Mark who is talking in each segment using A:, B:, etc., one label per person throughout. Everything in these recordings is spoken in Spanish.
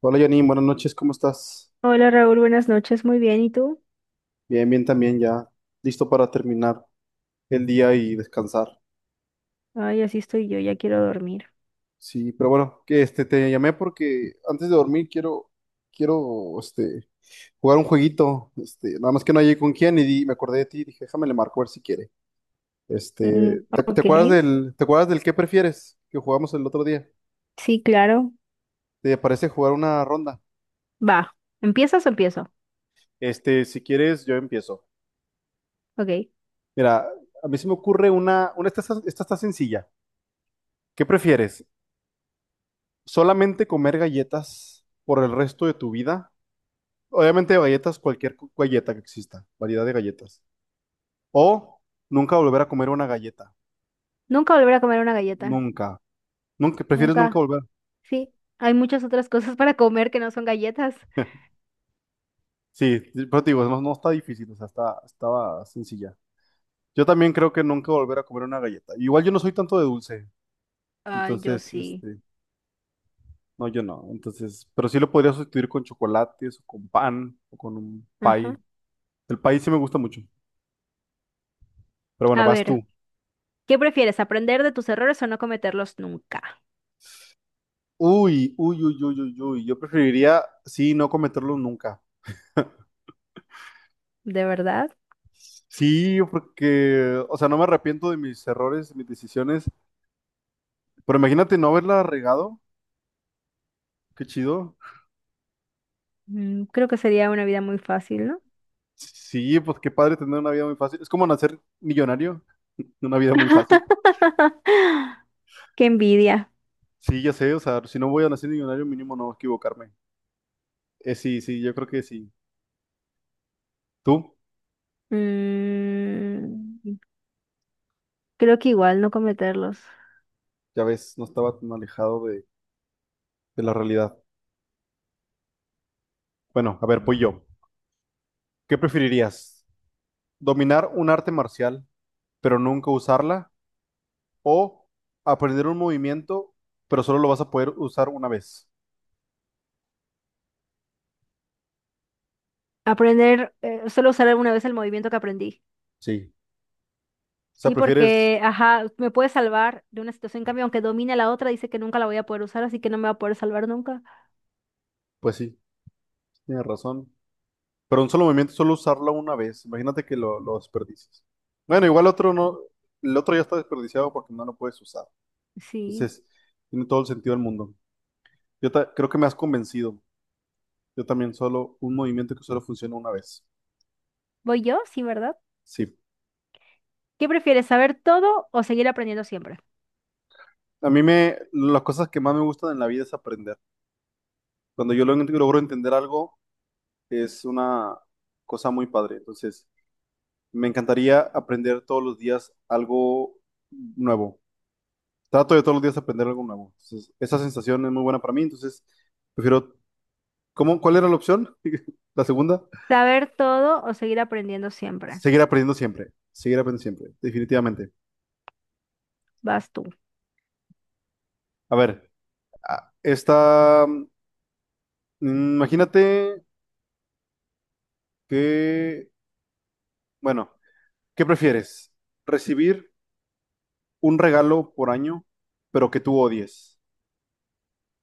A: Hola Janine, buenas noches, ¿cómo estás?
B: Hola Raúl, buenas noches, muy bien, ¿y tú?
A: Bien, bien también, ya listo para terminar el día y descansar.
B: Ay, así estoy yo, ya quiero dormir.
A: Sí, pero bueno, que te llamé porque antes de dormir quiero jugar un jueguito, nada más que no llegué con quién y me acordé de ti y dije, déjame le marco a ver si quiere.
B: Mm, ok,
A: Te acuerdas del qué prefieres que jugamos el otro día?
B: sí, claro.
A: ¿Te parece jugar una ronda?
B: Va, ¿empiezas o empiezo?
A: Si quieres yo empiezo.
B: Ok.
A: Mira, a mí se me ocurre una, esta está sencilla. ¿Qué prefieres? Solamente comer galletas por el resto de tu vida. Obviamente galletas, cualquier galleta que exista, variedad de galletas. O nunca volver a comer una galleta.
B: Nunca volver a comer una galleta.
A: Nunca. Nunca, prefieres nunca
B: Nunca.
A: volver.
B: Sí, hay muchas otras cosas para comer que no son galletas.
A: Sí, pero te digo, no, no está difícil, o sea, estaba sencilla. Yo también creo que nunca volver a comer una galleta. Igual yo no soy tanto de dulce,
B: Ay, yo
A: entonces,
B: sí.
A: no, yo no. Entonces, pero sí lo podría sustituir con chocolates o con pan o con un pie.
B: Ajá.
A: El pie sí me gusta mucho. Pero bueno,
B: A
A: vas
B: ver,
A: tú.
B: ¿qué prefieres, aprender de tus errores o no cometerlos nunca?
A: Uy, uy, uy, uy, uy, uy. Yo preferiría, sí, no cometerlos nunca.
B: ¿De verdad?
A: Sí, porque, o sea, no me arrepiento de mis errores, de mis decisiones, pero imagínate no haberla regado. Qué chido.
B: Mm, creo que sería una vida muy fácil, ¿no?
A: Sí, pues qué padre tener una vida muy fácil. Es como nacer millonario, una vida muy fácil.
B: Qué envidia.
A: Sí, ya sé, o sea, si no voy a nacer millonario, mínimo no equivocarme. Sí, sí, yo creo que sí. Tú,
B: Mm, creo que igual no cometerlos.
A: ya ves, no estaba tan alejado de la realidad. Bueno, a ver, pues yo. ¿Qué preferirías? ¿Dominar un arte marcial, pero nunca usarla, o aprender un movimiento, pero solo lo vas a poder usar una vez?
B: Aprender, solo usar alguna vez el movimiento que aprendí.
A: Sí. O sea,
B: Sí,
A: prefieres,
B: porque, ajá, me puede salvar de una situación. En cambio, aunque domine la otra, dice que nunca la voy a poder usar, así que no me va a poder salvar nunca.
A: pues sí, tienes razón. Pero un solo movimiento, solo usarlo una vez. Imagínate que lo desperdicies. Bueno, igual otro no, el otro ya está desperdiciado porque no lo puedes usar.
B: Sí.
A: Entonces, tiene todo el sentido del mundo. Yo creo que me has convencido. Yo también solo un movimiento que solo funciona una vez.
B: ¿Voy yo? Sí, ¿verdad?
A: Sí.
B: ¿Qué prefieres, saber todo o seguir aprendiendo siempre?
A: Las cosas que más me gustan en la vida es aprender. Cuando yo logro entender algo, es una cosa muy padre. Entonces, me encantaría aprender todos los días algo nuevo. Trato de todos los días aprender algo nuevo. Entonces, esa sensación es muy buena para mí. Entonces, prefiero. ¿Cuál era la opción? La segunda.
B: Saber todo o seguir aprendiendo siempre.
A: Seguir aprendiendo siempre. Seguir aprendiendo siempre. Definitivamente.
B: Vas tú.
A: A ver, esta. Imagínate que. Bueno, ¿qué prefieres? ¿Recibir un regalo por año, pero que tú odies?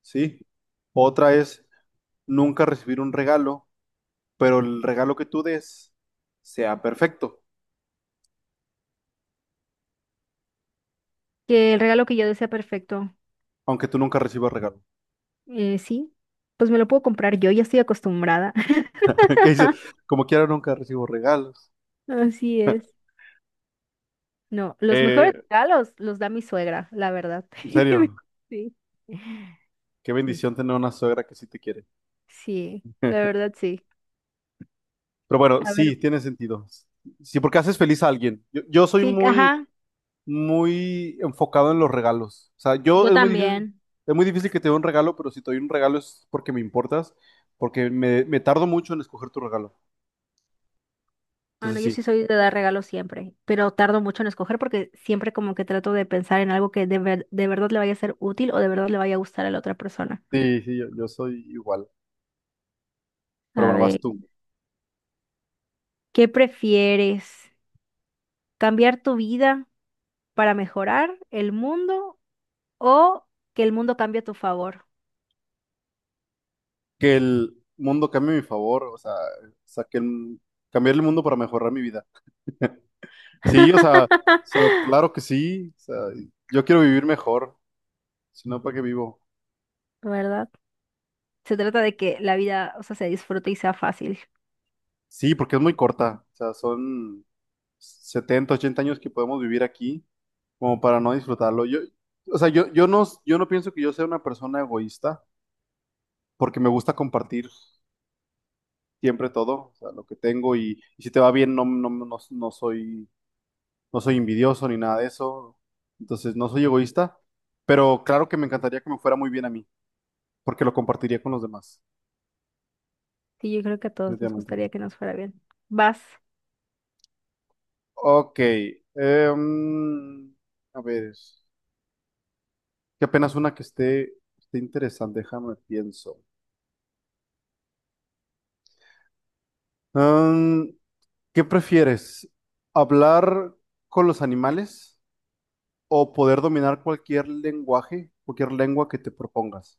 A: ¿Sí? Otra es nunca recibir un regalo, pero el regalo que tú des sea perfecto,
B: Que el regalo que yo desea perfecto.
A: aunque tú nunca recibas regalo.
B: Sí, pues me lo puedo comprar yo, ya estoy acostumbrada.
A: ¿Qué dices? Como quiera, nunca recibo regalos.
B: Así es. No, los
A: Eh,
B: mejores regalos los da mi suegra, la verdad.
A: en serio,
B: Sí,
A: qué
B: sí,
A: bendición tener una suegra que sí te quiere.
B: sí, la
A: Pero
B: verdad sí.
A: bueno,
B: A ver,
A: sí, tiene sentido. Sí, porque haces feliz a alguien. Yo soy
B: sí,
A: muy,
B: ajá,
A: muy enfocado en los regalos. O sea, yo
B: yo
A: es muy difícil,
B: también.
A: es muy difícil que te dé un regalo, pero si te doy un regalo es porque me importas, porque me tardo mucho en escoger tu regalo.
B: Bueno,
A: Entonces
B: yo
A: sí,
B: sí soy de dar regalos siempre, pero tardo mucho en escoger porque siempre como que trato de pensar en algo que de ver- de verdad le vaya a ser útil o de verdad le vaya a gustar a la otra persona.
A: sí, sí, yo soy igual. Pero
B: A
A: bueno, vas
B: ver,
A: tú.
B: ¿qué prefieres? ¿Cambiar tu vida para mejorar el mundo o que el mundo cambie a tu favor?
A: Que el mundo cambie a mi favor, o sea, que cambiar el mundo para mejorar mi vida. Sí, o sea, claro que sí. O sea, yo quiero vivir mejor, si no, ¿para qué vivo?
B: ¿Verdad? Se trata de que la vida, o sea, se disfrute y sea fácil.
A: Sí, porque es muy corta. O sea, son 70 80 años que podemos vivir aquí, como para no disfrutarlo. Yo, o sea, yo no pienso que yo sea una persona egoísta, porque me gusta compartir siempre todo, o sea, lo que tengo, y si te va bien, no, no, no, no soy envidioso ni nada de eso, entonces no soy egoísta, pero claro que me encantaría que me fuera muy bien a mí, porque lo compartiría con los demás,
B: Y yo creo que a todos nos
A: definitivamente.
B: gustaría que nos fuera bien. Vas.
A: Ok, em, a ver, que apenas una que esté interesante, déjame pienso. Em, ¿Qué prefieres? ¿Hablar con los animales o poder dominar cualquier lenguaje, cualquier lengua que te propongas?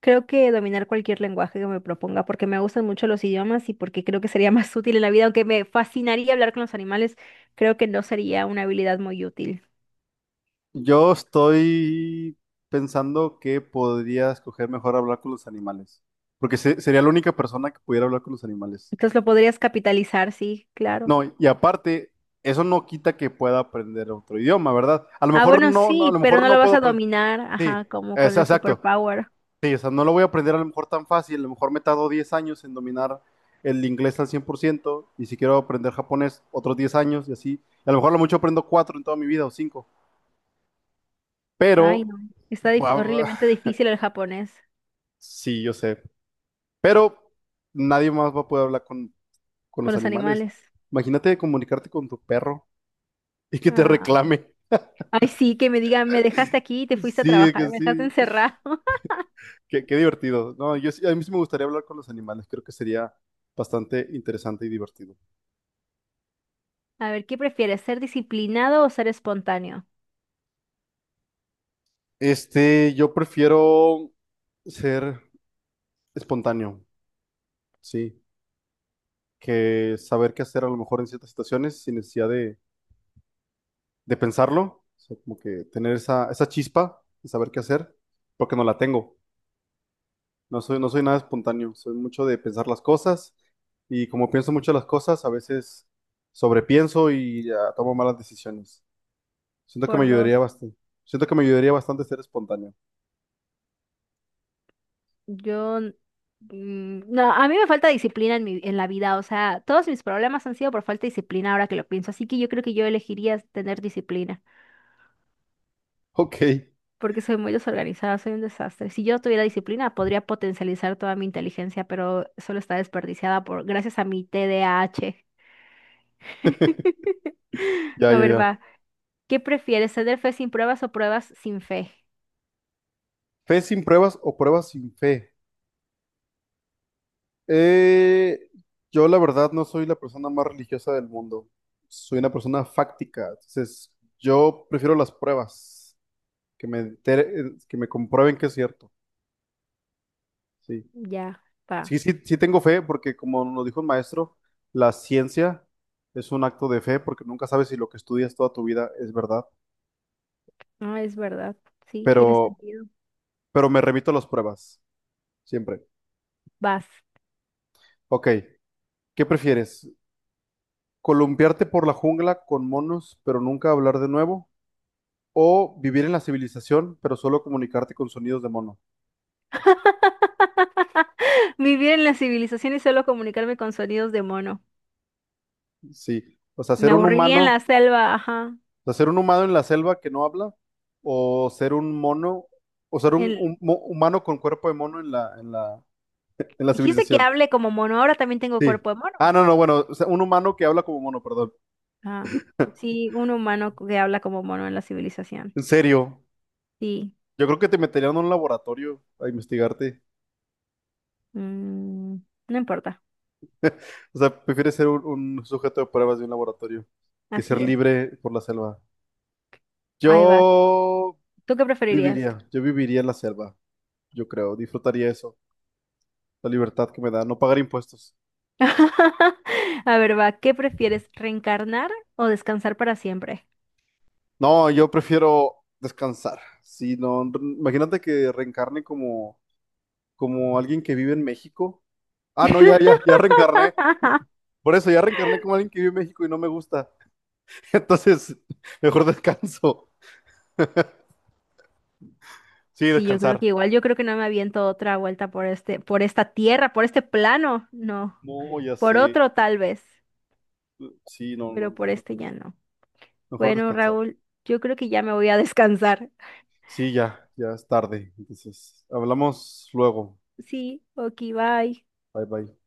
B: Creo que dominar cualquier lenguaje que me proponga, porque me gustan mucho los idiomas y porque creo que sería más útil en la vida, aunque me fascinaría hablar con los animales, creo que no sería una habilidad muy útil.
A: Yo estoy pensando que podría escoger mejor hablar con los animales, porque sería la única persona que pudiera hablar con los animales.
B: Entonces lo podrías capitalizar, sí, claro.
A: No, y aparte, eso no quita que pueda aprender otro idioma, ¿verdad? A lo
B: Ah,
A: mejor
B: bueno,
A: no, no, a lo
B: sí, pero
A: mejor
B: no lo
A: no
B: vas
A: puedo
B: a
A: aprender.
B: dominar,
A: Sí,
B: ajá, como con el
A: exacto.
B: superpower.
A: Sí, o sea, no lo voy a aprender a lo mejor tan fácil, a lo mejor me tardo 10 años en dominar el inglés al 100% y si quiero aprender japonés, otros 10 años y así. A lo mejor a lo mucho aprendo 4 en toda mi vida o 5.
B: Ay,
A: Pero.
B: no. Está dif-
A: Guau,
B: horriblemente difícil el japonés
A: sí, yo sé. Pero nadie más va a poder hablar con,
B: con
A: los
B: los
A: animales.
B: animales.
A: Imagínate comunicarte con tu perro y que te
B: Ah.
A: reclame.
B: Ay, sí, que me digan, me dejaste aquí y te fuiste a
A: Sí,
B: trabajar,
A: que
B: me dejaste
A: sí.
B: encerrado.
A: Qué divertido. No, yo a mí sí me gustaría hablar con los animales. Creo que sería bastante interesante y divertido.
B: A ver, ¿qué prefieres, ser disciplinado o ser espontáneo?
A: Yo prefiero ser espontáneo, sí, que saber qué hacer a lo mejor en ciertas situaciones sin necesidad de, pensarlo. O sea, como que tener esa chispa y saber qué hacer, porque no la tengo. No soy nada espontáneo, soy mucho de pensar las cosas y como pienso mucho las cosas, a veces sobrepienso y ya, tomo malas decisiones. Siento que me
B: Por
A: ayudaría
B: dos.
A: bastante. Siento que me ayudaría bastante ser espontáneo.
B: Yo, mm, no, a mí me falta disciplina en mi, en la vida, o sea, todos mis problemas han sido por falta de disciplina ahora que lo pienso, así que yo creo que yo elegiría tener disciplina,
A: Ok,
B: porque soy muy desorganizada, soy un desastre. Si yo tuviera disciplina, podría potencializar toda mi inteligencia, pero solo está desperdiciada por, gracias a mi TDAH. A H.
A: ya,
B: A
A: ya,
B: ver,
A: ya.
B: va. ¿Qué prefieres, ceder fe sin pruebas o pruebas sin fe?
A: ¿Fe sin pruebas o pruebas sin fe? Eh, yo la verdad no soy la persona más religiosa del mundo. Soy una persona fáctica. Entonces, yo prefiero las pruebas, que me que me comprueben que es cierto. Sí.
B: Ya, va.
A: Sí, sí, sí tengo fe porque como nos dijo el maestro, la ciencia es un acto de fe porque nunca sabes si lo que estudias toda tu vida es verdad,
B: No, es verdad. Sí, tiene
A: pero,
B: sentido.
A: pero me remito a las pruebas, siempre.
B: Vas.
A: Ok, ¿qué prefieres? ¿Columpiarte por la jungla con monos pero nunca hablar de nuevo? ¿O vivir en la civilización pero solo comunicarte con sonidos de mono?
B: Vivir en la civilización y solo comunicarme con sonidos de mono.
A: Sí, o sea,
B: Me
A: ser un
B: aburriría
A: humano,
B: en
A: o
B: la selva, ajá.
A: sea, ser un humano en la selva que no habla o ser un mono, o ser un,
B: En-
A: un mo- humano con cuerpo de mono en la
B: Dijiste que
A: civilización.
B: hable como mono, ahora también tengo
A: Sí.
B: cuerpo de mono.
A: Ah, no, no, bueno, o sea, un humano que habla como mono, perdón.
B: Ah, sí, un humano que habla como mono en la civilización.
A: En serio,
B: Sí,
A: yo creo que te meterían en un laboratorio a investigarte.
B: mm, no importa,
A: O sea, prefieres ser un sujeto de pruebas de un laboratorio que ser
B: así es.
A: libre por la selva.
B: Ahí va.
A: Yo
B: ¿Tú qué preferirías?
A: yo viviría en la selva, yo creo, disfrutaría eso, la libertad que me da, no pagar impuestos.
B: A ver, va, ¿qué prefieres, reencarnar o descansar para siempre?
A: No, yo prefiero descansar. Si no, imagínate que reencarne como alguien que vive en México. Ah, no, ya, ya, ya reencarné. Por eso ya reencarné como alguien que vive en México y no me gusta. Entonces, mejor descanso. Sí,
B: Sí, yo creo
A: descansar.
B: que igual, yo creo que no me aviento otra vuelta por este, por esta tierra, por este plano, no.
A: No, ya
B: Por
A: sé.
B: otro tal vez,
A: Sí, no,
B: pero
A: no, no,
B: por
A: no.
B: este ya no.
A: Mejor
B: Bueno,
A: descansar.
B: Raúl, yo creo que ya me voy a descansar.
A: Sí, ya, ya es tarde. Entonces, hablamos luego.
B: Sí, ok, bye.
A: Bye, bye.